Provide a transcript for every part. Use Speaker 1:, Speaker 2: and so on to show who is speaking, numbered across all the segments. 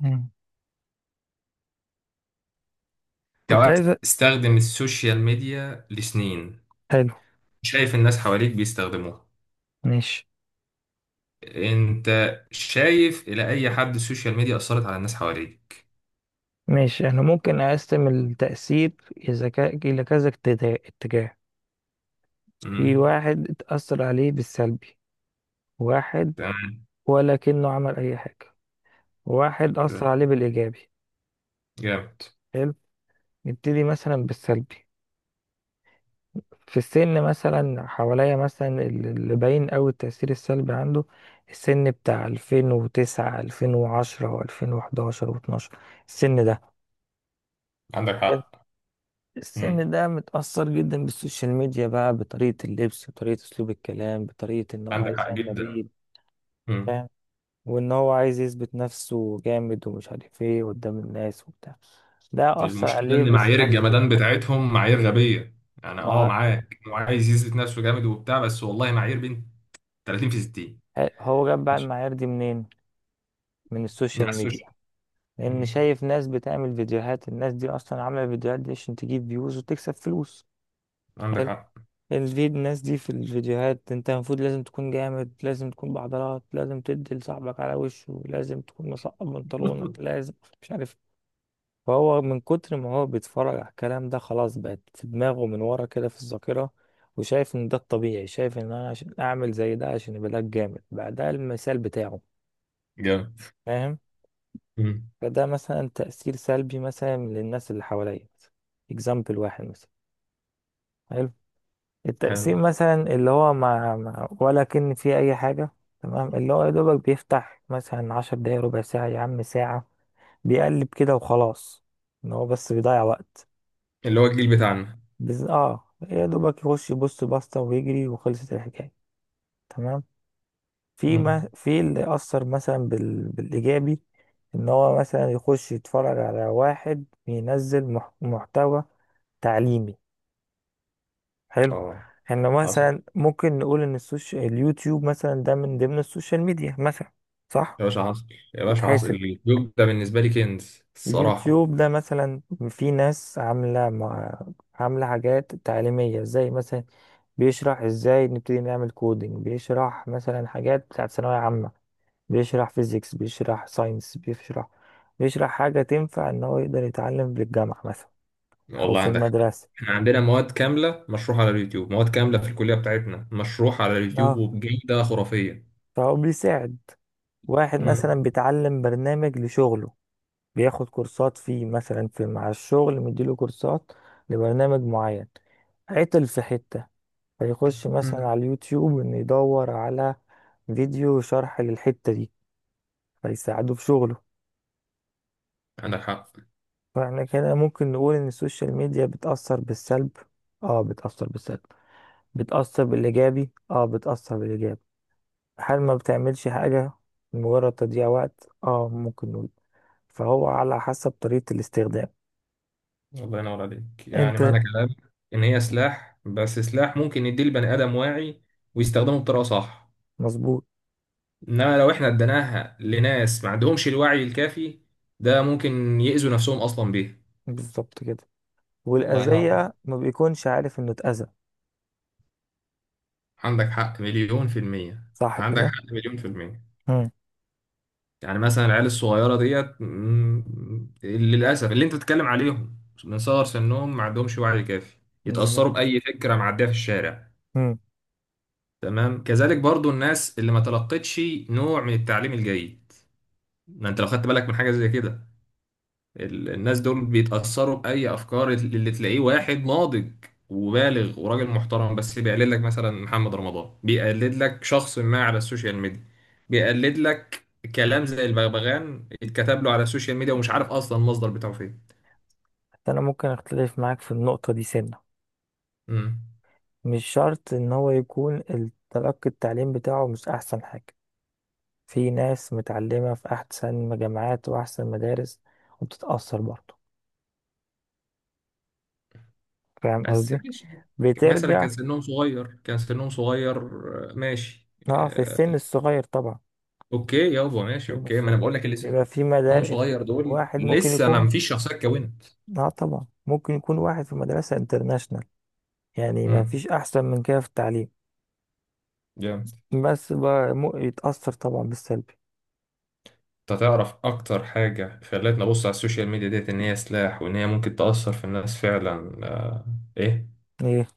Speaker 1: مم. كنت
Speaker 2: كواحد
Speaker 1: عايز أ-
Speaker 2: استخدم السوشيال ميديا لسنين،
Speaker 1: حلو.
Speaker 2: شايف الناس حواليك بيستخدموها.
Speaker 1: ماشي.
Speaker 2: انت شايف الى اي حد السوشيال ميديا اثرت على الناس حواليك؟
Speaker 1: ماشي، احنا ممكن اقسم التأثير إذا إلى كذا اتجاه. في
Speaker 2: امم
Speaker 1: واحد اتأثر عليه بالسلبي، واحد،
Speaker 2: تمام.
Speaker 1: ولكنه عمل أي حاجة. واحد أثر عليه بالإيجابي.
Speaker 2: جامد.
Speaker 1: حلو. نبتدي مثلا بالسلبي. في السن مثلا حواليا، مثلا اللي باين أوي التأثير السلبي عنده، السن بتاع 2009، 2010 و2011 و12. السن ده
Speaker 2: عندك حق. امم
Speaker 1: السن ده متأثر جدا بالسوشيال ميديا بقى، بطريقة اللبس، بطريقة أسلوب الكلام، بطريقة إن هو
Speaker 2: عندك
Speaker 1: عايز
Speaker 2: حق
Speaker 1: يعمل
Speaker 2: جدا.
Speaker 1: ريل.
Speaker 2: امم
Speaker 1: فاهم. وإن هو عايز يثبت نفسه جامد ومش عارف إيه قدام الناس وبتاع. ده أثر
Speaker 2: المشكله
Speaker 1: عليه
Speaker 2: ان معايير
Speaker 1: بالسلب.
Speaker 2: الجمدان بتاعتهم معايير غبيه. يعني اه
Speaker 1: مع.
Speaker 2: معاك، هو عايز يثبت نفسه جامد وبتاع، بس والله معايير بنت 30 في 60.
Speaker 1: هو جاب بقى
Speaker 2: ماشي،
Speaker 1: المعايير دي منين؟ من
Speaker 2: على
Speaker 1: السوشيال ميديا.
Speaker 2: السوشيال.
Speaker 1: لأن
Speaker 2: امم
Speaker 1: شايف ناس بتعمل فيديوهات، الناس دي أصلا عاملة الفيديوهات دي عشان تجيب فيوز وتكسب فلوس.
Speaker 2: عندك
Speaker 1: حلو.
Speaker 2: حق.
Speaker 1: دي الناس دي في الفيديوهات، انت المفروض لازم تكون جامد، لازم تكون بعضلات، لازم تدي لصاحبك على وشه، لازم تكون مسقط بنطلونك، لازم مش عارف. فهو من كتر ما هو بيتفرج على الكلام ده، خلاص بقت في دماغه من ورا كده في الذاكرة. وشايف ان ده الطبيعي، شايف ان انا عشان اعمل زي ده، عشان يبقى ده الجامد بقى، ده المثال بتاعه.
Speaker 2: جامد.
Speaker 1: فاهم.
Speaker 2: امم
Speaker 1: فده مثلا تأثير سلبي مثلا للناس اللي حواليا. اكزامبل واحد مثلا. حلو؟
Speaker 2: حلو،
Speaker 1: التقسيم مثلا اللي هو ولا كأن فيه أي حاجة. تمام اللي هو يا دوبك بيفتح مثلا 10 دقايق، ربع ساعة، يا عم ساعة، بيقلب كده وخلاص. إن هو بس بيضيع وقت.
Speaker 2: اللي هو الجيل بتاعنا.
Speaker 1: اه، يا دوبك يخش يبص باستا ويجري وخلصت الحكاية. تمام. في
Speaker 2: مم.
Speaker 1: ما في اللي أثر مثلا بالإيجابي. إن هو مثلا يخش يتفرج على واحد بينزل محتوى تعليمي. حلو.
Speaker 2: اه
Speaker 1: احنا
Speaker 2: حصل.
Speaker 1: مثلا ممكن نقول ان السوشيال، اليوتيوب مثلا ده من ضمن السوشيال ميديا مثلا. صح.
Speaker 2: يا باشا حصل، يا باشا حصل.
Speaker 1: يتحاسب.
Speaker 2: الجوب ده بالنسبه لي كنز الصراحه.
Speaker 1: اليوتيوب ده مثلا، في ناس عاملة عاملة حاجات تعليمية، زي مثلا بيشرح ازاي نبتدي نعمل كودينج، بيشرح مثلا حاجات بتاعت ثانوية عامة، بيشرح فيزيكس، بيشرح ساينس، بيشرح. بيشرح حاجة تنفع ان هو يقدر يتعلم في الجامعة مثلا او
Speaker 2: والله
Speaker 1: في
Speaker 2: عندك حق،
Speaker 1: المدرسة.
Speaker 2: احنا عندنا مواد كامله مشروحه على اليوتيوب، مواد كامله في الكليه بتاعتنا مشروحه على اليوتيوب
Speaker 1: اه.
Speaker 2: وبجوده خرافيه.
Speaker 1: فهو بيساعد. واحد
Speaker 2: مم.
Speaker 1: مثلا بيتعلم برنامج لشغله، بياخد كورسات فيه، مثلا في مع الشغل مديله كورسات لبرنامج معين. عطل في حتة، فيخش
Speaker 2: مم.
Speaker 1: مثلا على اليوتيوب إنه يدور على فيديو شرح للحتة دي، فيساعده في شغله.
Speaker 2: عندك حق.
Speaker 1: فاحنا كده ممكن نقول إن السوشيال ميديا بتأثر بالسلب، اه بتأثر بالسلب. بتأثر بالإيجابي، اه بتأثر بالإيجابي. هل ما بتعملش حاجة، مجرد تضييع وقت؟ اه ممكن نقول. فهو على حسب طريقة الاستخدام.
Speaker 2: الله ينور عليك. يعني
Speaker 1: انت.
Speaker 2: معنى كلامك ان هي سلاح، بس سلاح ممكن يديه البني ادم واعي ويستخدمه بطريقه صح.
Speaker 1: مظبوط.
Speaker 2: انما لو احنا اديناها لناس ما عندهمش الوعي الكافي، ده ممكن يأذوا نفسهم اصلا بيه.
Speaker 1: بالظبط كده.
Speaker 2: الله ينور.
Speaker 1: والأذية ما بيكونش عارف إنه اتأذى.
Speaker 2: عندك حق مليون في المية.
Speaker 1: صح
Speaker 2: عندك
Speaker 1: كده؟
Speaker 2: حق مليون في المية.
Speaker 1: مم.
Speaker 2: يعني مثلا العيال الصغيرة ديت، للأسف، اللي أنت بتتكلم عليهم من صغر سنهم ما عندهمش وعي كافي.
Speaker 1: بالظبط.
Speaker 2: يتأثروا بأي فكرة معدية في الشارع.
Speaker 1: مم.
Speaker 2: تمام، كذلك برضو الناس اللي ما تلقتش نوع من التعليم الجيد. ما أنت لو خدت بالك من حاجة زي كده، الناس دول بيتأثروا بأي أفكار. اللي تلاقيه واحد ناضج وبالغ وراجل محترم، بس بيقلد لك مثلا محمد رمضان، بيقلد لك شخص ما على السوشيال ميديا، بيقلد لك كلام زي البغبغان اتكتب له على السوشيال ميديا ومش عارف أصلا المصدر بتاعه فين.
Speaker 1: أنا ممكن أختلف معاك في النقطة دي سنة.
Speaker 2: مم.
Speaker 1: مش شرط إن هو يكون تلقي التعليم بتاعه مش أحسن حاجة. في ناس متعلمة في أحسن جامعات وأحسن مدارس، وبتتأثر برضه. فاهم
Speaker 2: بس
Speaker 1: قصدي؟
Speaker 2: ماشي، مثلا
Speaker 1: بترجع.
Speaker 2: كان سنهم صغير، كان سنهم صغير. ماشي.
Speaker 1: اه في السن الصغير طبعا.
Speaker 2: اوكي يابا ماشي،
Speaker 1: السن
Speaker 2: اوكي. ما انا
Speaker 1: الصغير
Speaker 2: بقول لك اللي
Speaker 1: بيبقى في
Speaker 2: سنهم
Speaker 1: مدارس.
Speaker 2: صغير دول
Speaker 1: واحد ممكن
Speaker 2: لسه
Speaker 1: يكون،
Speaker 2: ما فيش شخصية اتكونت.
Speaker 1: اه طبعا ممكن يكون واحد في مدرسة انترناشونال، يعني ما
Speaker 2: مم.
Speaker 1: فيش أحسن من كده في التعليم.
Speaker 2: جامد.
Speaker 1: بس بقى يتأثر طبعا بالسلبي.
Speaker 2: انت تعرف اكتر حاجة خلتني ابص على السوشيال ميديا ديت ان هي سلاح وان هي ممكن تأثر في الناس فعلا؟ آه، ايه.
Speaker 1: ايه.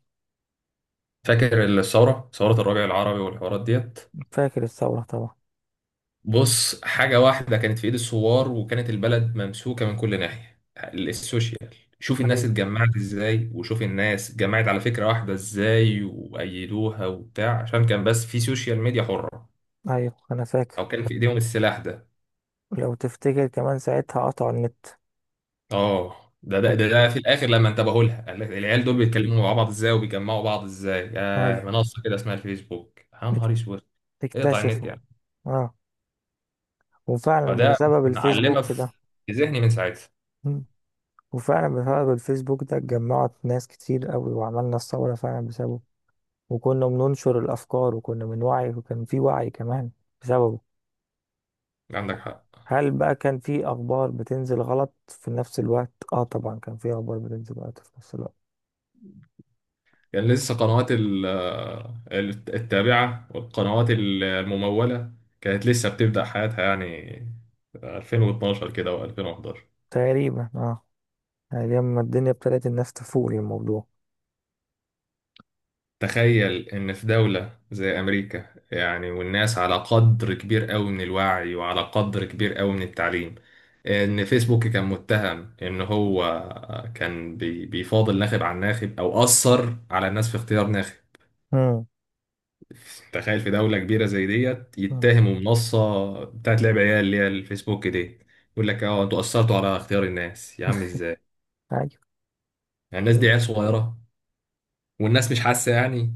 Speaker 2: فاكر الثورة، ثورة الربيع العربي والحوارات ديت؟
Speaker 1: فاكر الثورة طبعا.
Speaker 2: بص، حاجة واحدة كانت في ايد الثوار وكانت البلد ممسوكة من كل ناحية، السوشيال. شوف الناس
Speaker 1: ايوه.
Speaker 2: اتجمعت ازاي، وشوف الناس اتجمعت على فكرة واحدة ازاي وأيدوها وبتاع، عشان كان بس في سوشيال ميديا حرة
Speaker 1: ايوه انا فاكر.
Speaker 2: او كان في ايديهم السلاح ده.
Speaker 1: لو تفتكر كمان ساعتها قطعوا النت.
Speaker 2: اه ده ده ده
Speaker 1: فاكر.
Speaker 2: ده في الاخر لما انتبهوا لها، قال لك العيال دول بيتكلموا مع بعض ازاي وبيجمعوا بعض ازاي؟ يا
Speaker 1: ايوه.
Speaker 2: منصه كده اسمها الفيسبوك، يا
Speaker 1: اك-
Speaker 2: نهار اسود. اقطع النت
Speaker 1: اكتشفوا.
Speaker 2: يعني.
Speaker 1: اه. وفعلا
Speaker 2: فده
Speaker 1: بسبب
Speaker 2: معلمه
Speaker 1: الفيسبوك ده.
Speaker 2: في ذهني من ساعتها.
Speaker 1: مم. وفعلا بسبب الفيسبوك ده اتجمعت ناس كتير قوي، وعملنا الثورة فعلا بسببه. وكنا بننشر الأفكار، وكنا بنوعي، وكان في وعي كمان بسببه.
Speaker 2: عندك حق.
Speaker 1: هل بقى كان في أخبار بتنزل غلط في نفس الوقت؟ اه طبعا كان في أخبار بتنزل غلط في نفس الوقت.
Speaker 2: كان لسه قنوات التابعه والقنوات المموله كانت لسه بتبدا حياتها، يعني 2012 كده و2011.
Speaker 1: تقريبا اه. يعني لما الدنيا ابتدت الناس تفوق للموضوع.
Speaker 2: تخيل إن في دولة زي أمريكا يعني، والناس على قدر كبير أوي من الوعي وعلى قدر كبير أوي من التعليم، إن فيسبوك كان متهم إن هو كان بيفاضل ناخب عن ناخب، أو أثر على الناس في اختيار ناخب.
Speaker 1: امم.
Speaker 2: تخيل في دولة كبيرة زي ديت يتهموا منصة بتاعت لعب عيال اللي هي الفيسبوك دي، يقول لك اه انتوا أثرتوا على اختيار الناس. يا عم ازاي
Speaker 1: عادي.
Speaker 2: يعني؟ الناس دي عيال صغيرة والناس مش حاسة يعني.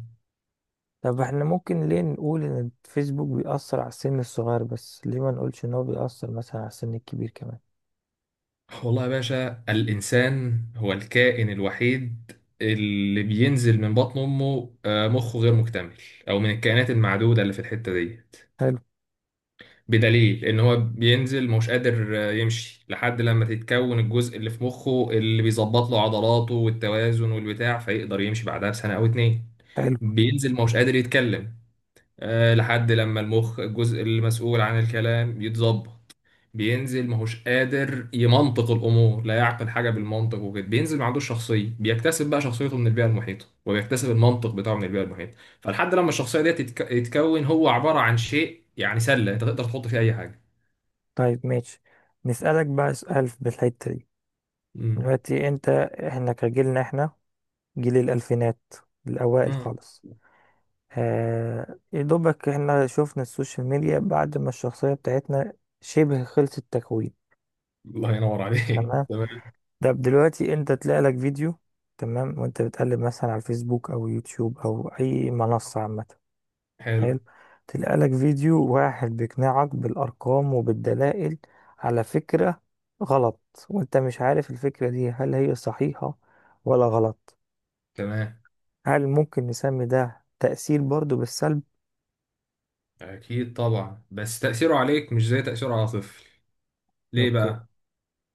Speaker 1: طب احنا ممكن ليه نقول ان الفيسبوك بيأثر على السن الصغير بس، ليه ما نقولش ان هو بيأثر مثلا على السن الكبير كمان.
Speaker 2: والله يا باشا، الإنسان هو الكائن الوحيد اللي بينزل من بطن أمه مخه غير مكتمل، أو من الكائنات المعدودة اللي في الحتة دي.
Speaker 1: حلو.
Speaker 2: بدليل إن هو بينزل مش قادر يمشي لحد لما تتكون الجزء اللي في مخه اللي بيظبط له عضلاته والتوازن والبتاع، فيقدر يمشي بعدها بسنة أو اتنين.
Speaker 1: حلو.
Speaker 2: بينزل مش قادر يتكلم لحد لما المخ، الجزء المسؤول عن الكلام، يتظبط. بينزل ماهوش قادر يمنطق الامور، لا يعقل حاجه بالمنطق وكده. بينزل ما عندوش شخصيه، بيكتسب بقى شخصيته من البيئه المحيطه، وبيكتسب المنطق بتاعه من البيئه المحيطه. فلحد لما الشخصيه دي تتكون، هو عباره عن شيء يعني، سله انت تقدر تحط فيه اي حاجه.
Speaker 1: طيب ماشي. نسألك بقى سؤال في الحتة دي.
Speaker 2: امم
Speaker 1: دلوقتي انت، احنا كجيلنا، احنا جيل الألفينات الأوائل
Speaker 2: امم
Speaker 1: خالص. آه يا دوبك احنا شفنا السوشيال ميديا بعد ما الشخصية بتاعتنا شبه خلصت تكوين.
Speaker 2: الله ينور عليك.
Speaker 1: تمام.
Speaker 2: تمام.
Speaker 1: ده دلوقتي انت تلاقي لك فيديو، تمام، وانت بتقلب مثلا على الفيسبوك او يوتيوب او اي منصة عامة.
Speaker 2: حلو،
Speaker 1: حلو. تلاقي لك فيديو واحد بيقنعك بالارقام وبالدلائل على فكرة غلط، وانت مش عارف الفكرة دي هل هي صحيحة ولا غلط.
Speaker 2: تمام.
Speaker 1: هل ممكن نسمي ده تأثير برضو بالسلب؟
Speaker 2: اكيد طبعا، بس تاثيره عليك مش زي تاثيره على طفل. ليه
Speaker 1: اوكي.
Speaker 2: بقى؟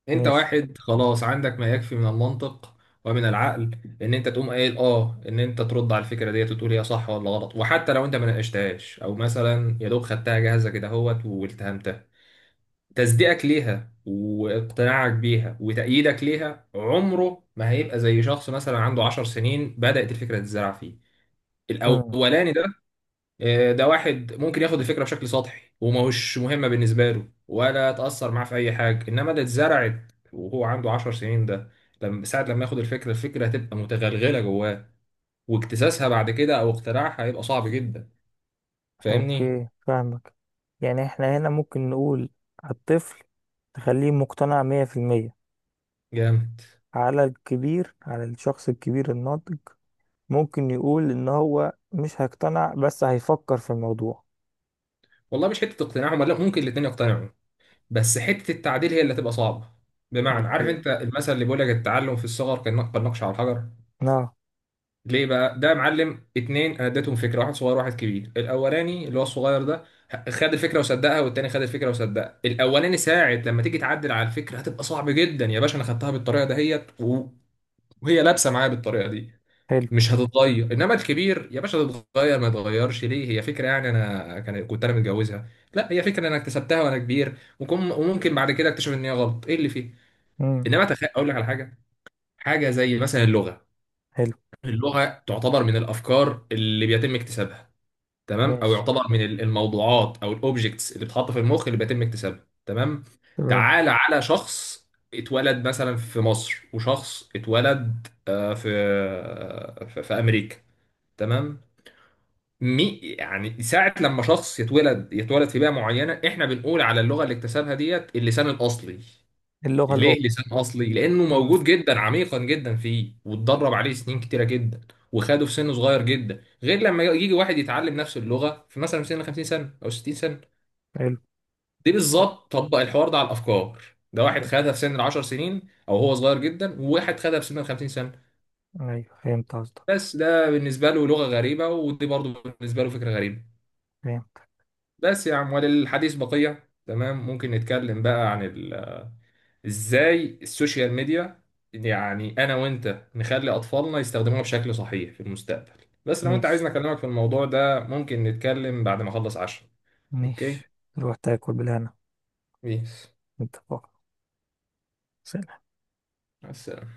Speaker 2: انت
Speaker 1: ماشي.
Speaker 2: واحد خلاص عندك ما يكفي من المنطق ومن العقل، ان انت تقوم قايل اه ان انت ترد على الفكره ديت وتقول هي صح ولا غلط. وحتى لو انت ما ناقشتهاش، او مثلا يا دوب خدتها جاهزه كده اهوت والتهمتها، تصديقك ليها واقتناعك بيها وتأييدك ليها عمره ما هيبقى زي شخص مثلا عنده 10 سنين بدأت الفكره تتزرع فيه.
Speaker 1: امم.
Speaker 2: الاولاني ده، ده واحد ممكن ياخد الفكره بشكل سطحي وماهوش مهمه بالنسبه له ولا تاثر معاه في اي حاجه، انما اللي اتزرعت وهو عنده 10 سنين ده، لما ساعه لما ياخد الفكره، الفكره هتبقى متغلغله جواه، واكتساسها بعد كده او اقتناعها هيبقى صعب جدا. فاهمني؟
Speaker 1: اوكي فاهمك. يعني احنا هنا ممكن نقول الطفل تخليه مقتنع 100%.
Speaker 2: جامد.
Speaker 1: على الكبير، على الشخص الكبير الناضج، ممكن يقول ان هو مش هيقتنع بس هيفكر في الموضوع.
Speaker 2: والله مش حته اقتناعهم، لا ممكن الاتنين يقتنعوا، بس حته التعديل هي اللي هتبقى صعبه. بمعنى، عارف
Speaker 1: اوكي.
Speaker 2: انت المثل اللي بيقول لك التعلم في الصغر كالنقش على الحجر؟
Speaker 1: اه.
Speaker 2: ليه بقى ده يا معلم؟ اتنين انا اديتهم فكره، واحد صغير واحد كبير. الاولاني اللي هو الصغير ده خد الفكره وصدقها، والتاني خد الفكره وصدقها. الاولاني ساعة لما تيجي تعدل على الفكره هتبقى صعب جدا. يا باشا انا خدتها بالطريقه دهيت و- وهي لابسه معايا بالطريقه دي،
Speaker 1: حلو.
Speaker 2: مش هتتغير. انما الكبير يا باشا، تتغير ما يتغيرش، ليه؟ هي فكره يعني، انا كنت انا متجوزها؟ لا، هي فكره انا اكتسبتها وانا كبير وممكن بعد كده اكتشف ان هي غلط ايه اللي فيه. انما
Speaker 1: امم.
Speaker 2: اقول لك على حاجه، حاجه زي مثلا اللغه.
Speaker 1: حلو.
Speaker 2: اللغة تعتبر من الأفكار اللي بيتم اكتسابها تمام، أو
Speaker 1: ماشي.
Speaker 2: يعتبر من الموضوعات أو الأوبجكتس اللي بتتحط في المخ اللي بيتم اكتسابها، تمام.
Speaker 1: تمام.
Speaker 2: تعال على شخص اتولد مثلا في مصر، وشخص اتولد في في أمريكا، تمام. مي يعني، ساعة لما شخص يتولد يتولد في بيئة معينة، احنا بنقول على اللغة اللي اكتسبها ديت اللسان الأصلي.
Speaker 1: اللغة الأم.
Speaker 2: ليه لسان اصلي؟ لانه
Speaker 1: امم.
Speaker 2: موجود جدا، عميقا جدا فيه، واتدرب عليه سنين كتيره جدا، وخده في سن صغير جدا. غير لما يجي واحد يتعلم نفس اللغه في مثلا في سن 50 سنه او 60 سنه.
Speaker 1: حلو.
Speaker 2: دي
Speaker 1: صح
Speaker 2: بالظبط طبق الحوار ده على الافكار. ده واحد
Speaker 1: كده.
Speaker 2: خدها في سن ال 10 سنين او هو صغير جدا، وواحد خدها في سن ال 50 سنه.
Speaker 1: ايوه فهمت قصدك.
Speaker 2: بس ده بالنسبه له لغه غريبه، ودي برضه بالنسبه له فكره غريبه.
Speaker 1: فهمت.
Speaker 2: بس يا عم، وللحديث بقيه. تمام، ممكن نتكلم بقى عن ال، ازاي السوشيال ميديا، يعني انا وانت نخلي اطفالنا يستخدموها بشكل صحيح في المستقبل. بس لو انت عايزني
Speaker 1: ماشي.
Speaker 2: اكلمك في الموضوع ده، ممكن نتكلم بعد ما اخلص عشاء. اوكي،
Speaker 1: ماشي. روح تاكل بالهنا.
Speaker 2: بيس.
Speaker 1: انت فقط.
Speaker 2: مع السلامة.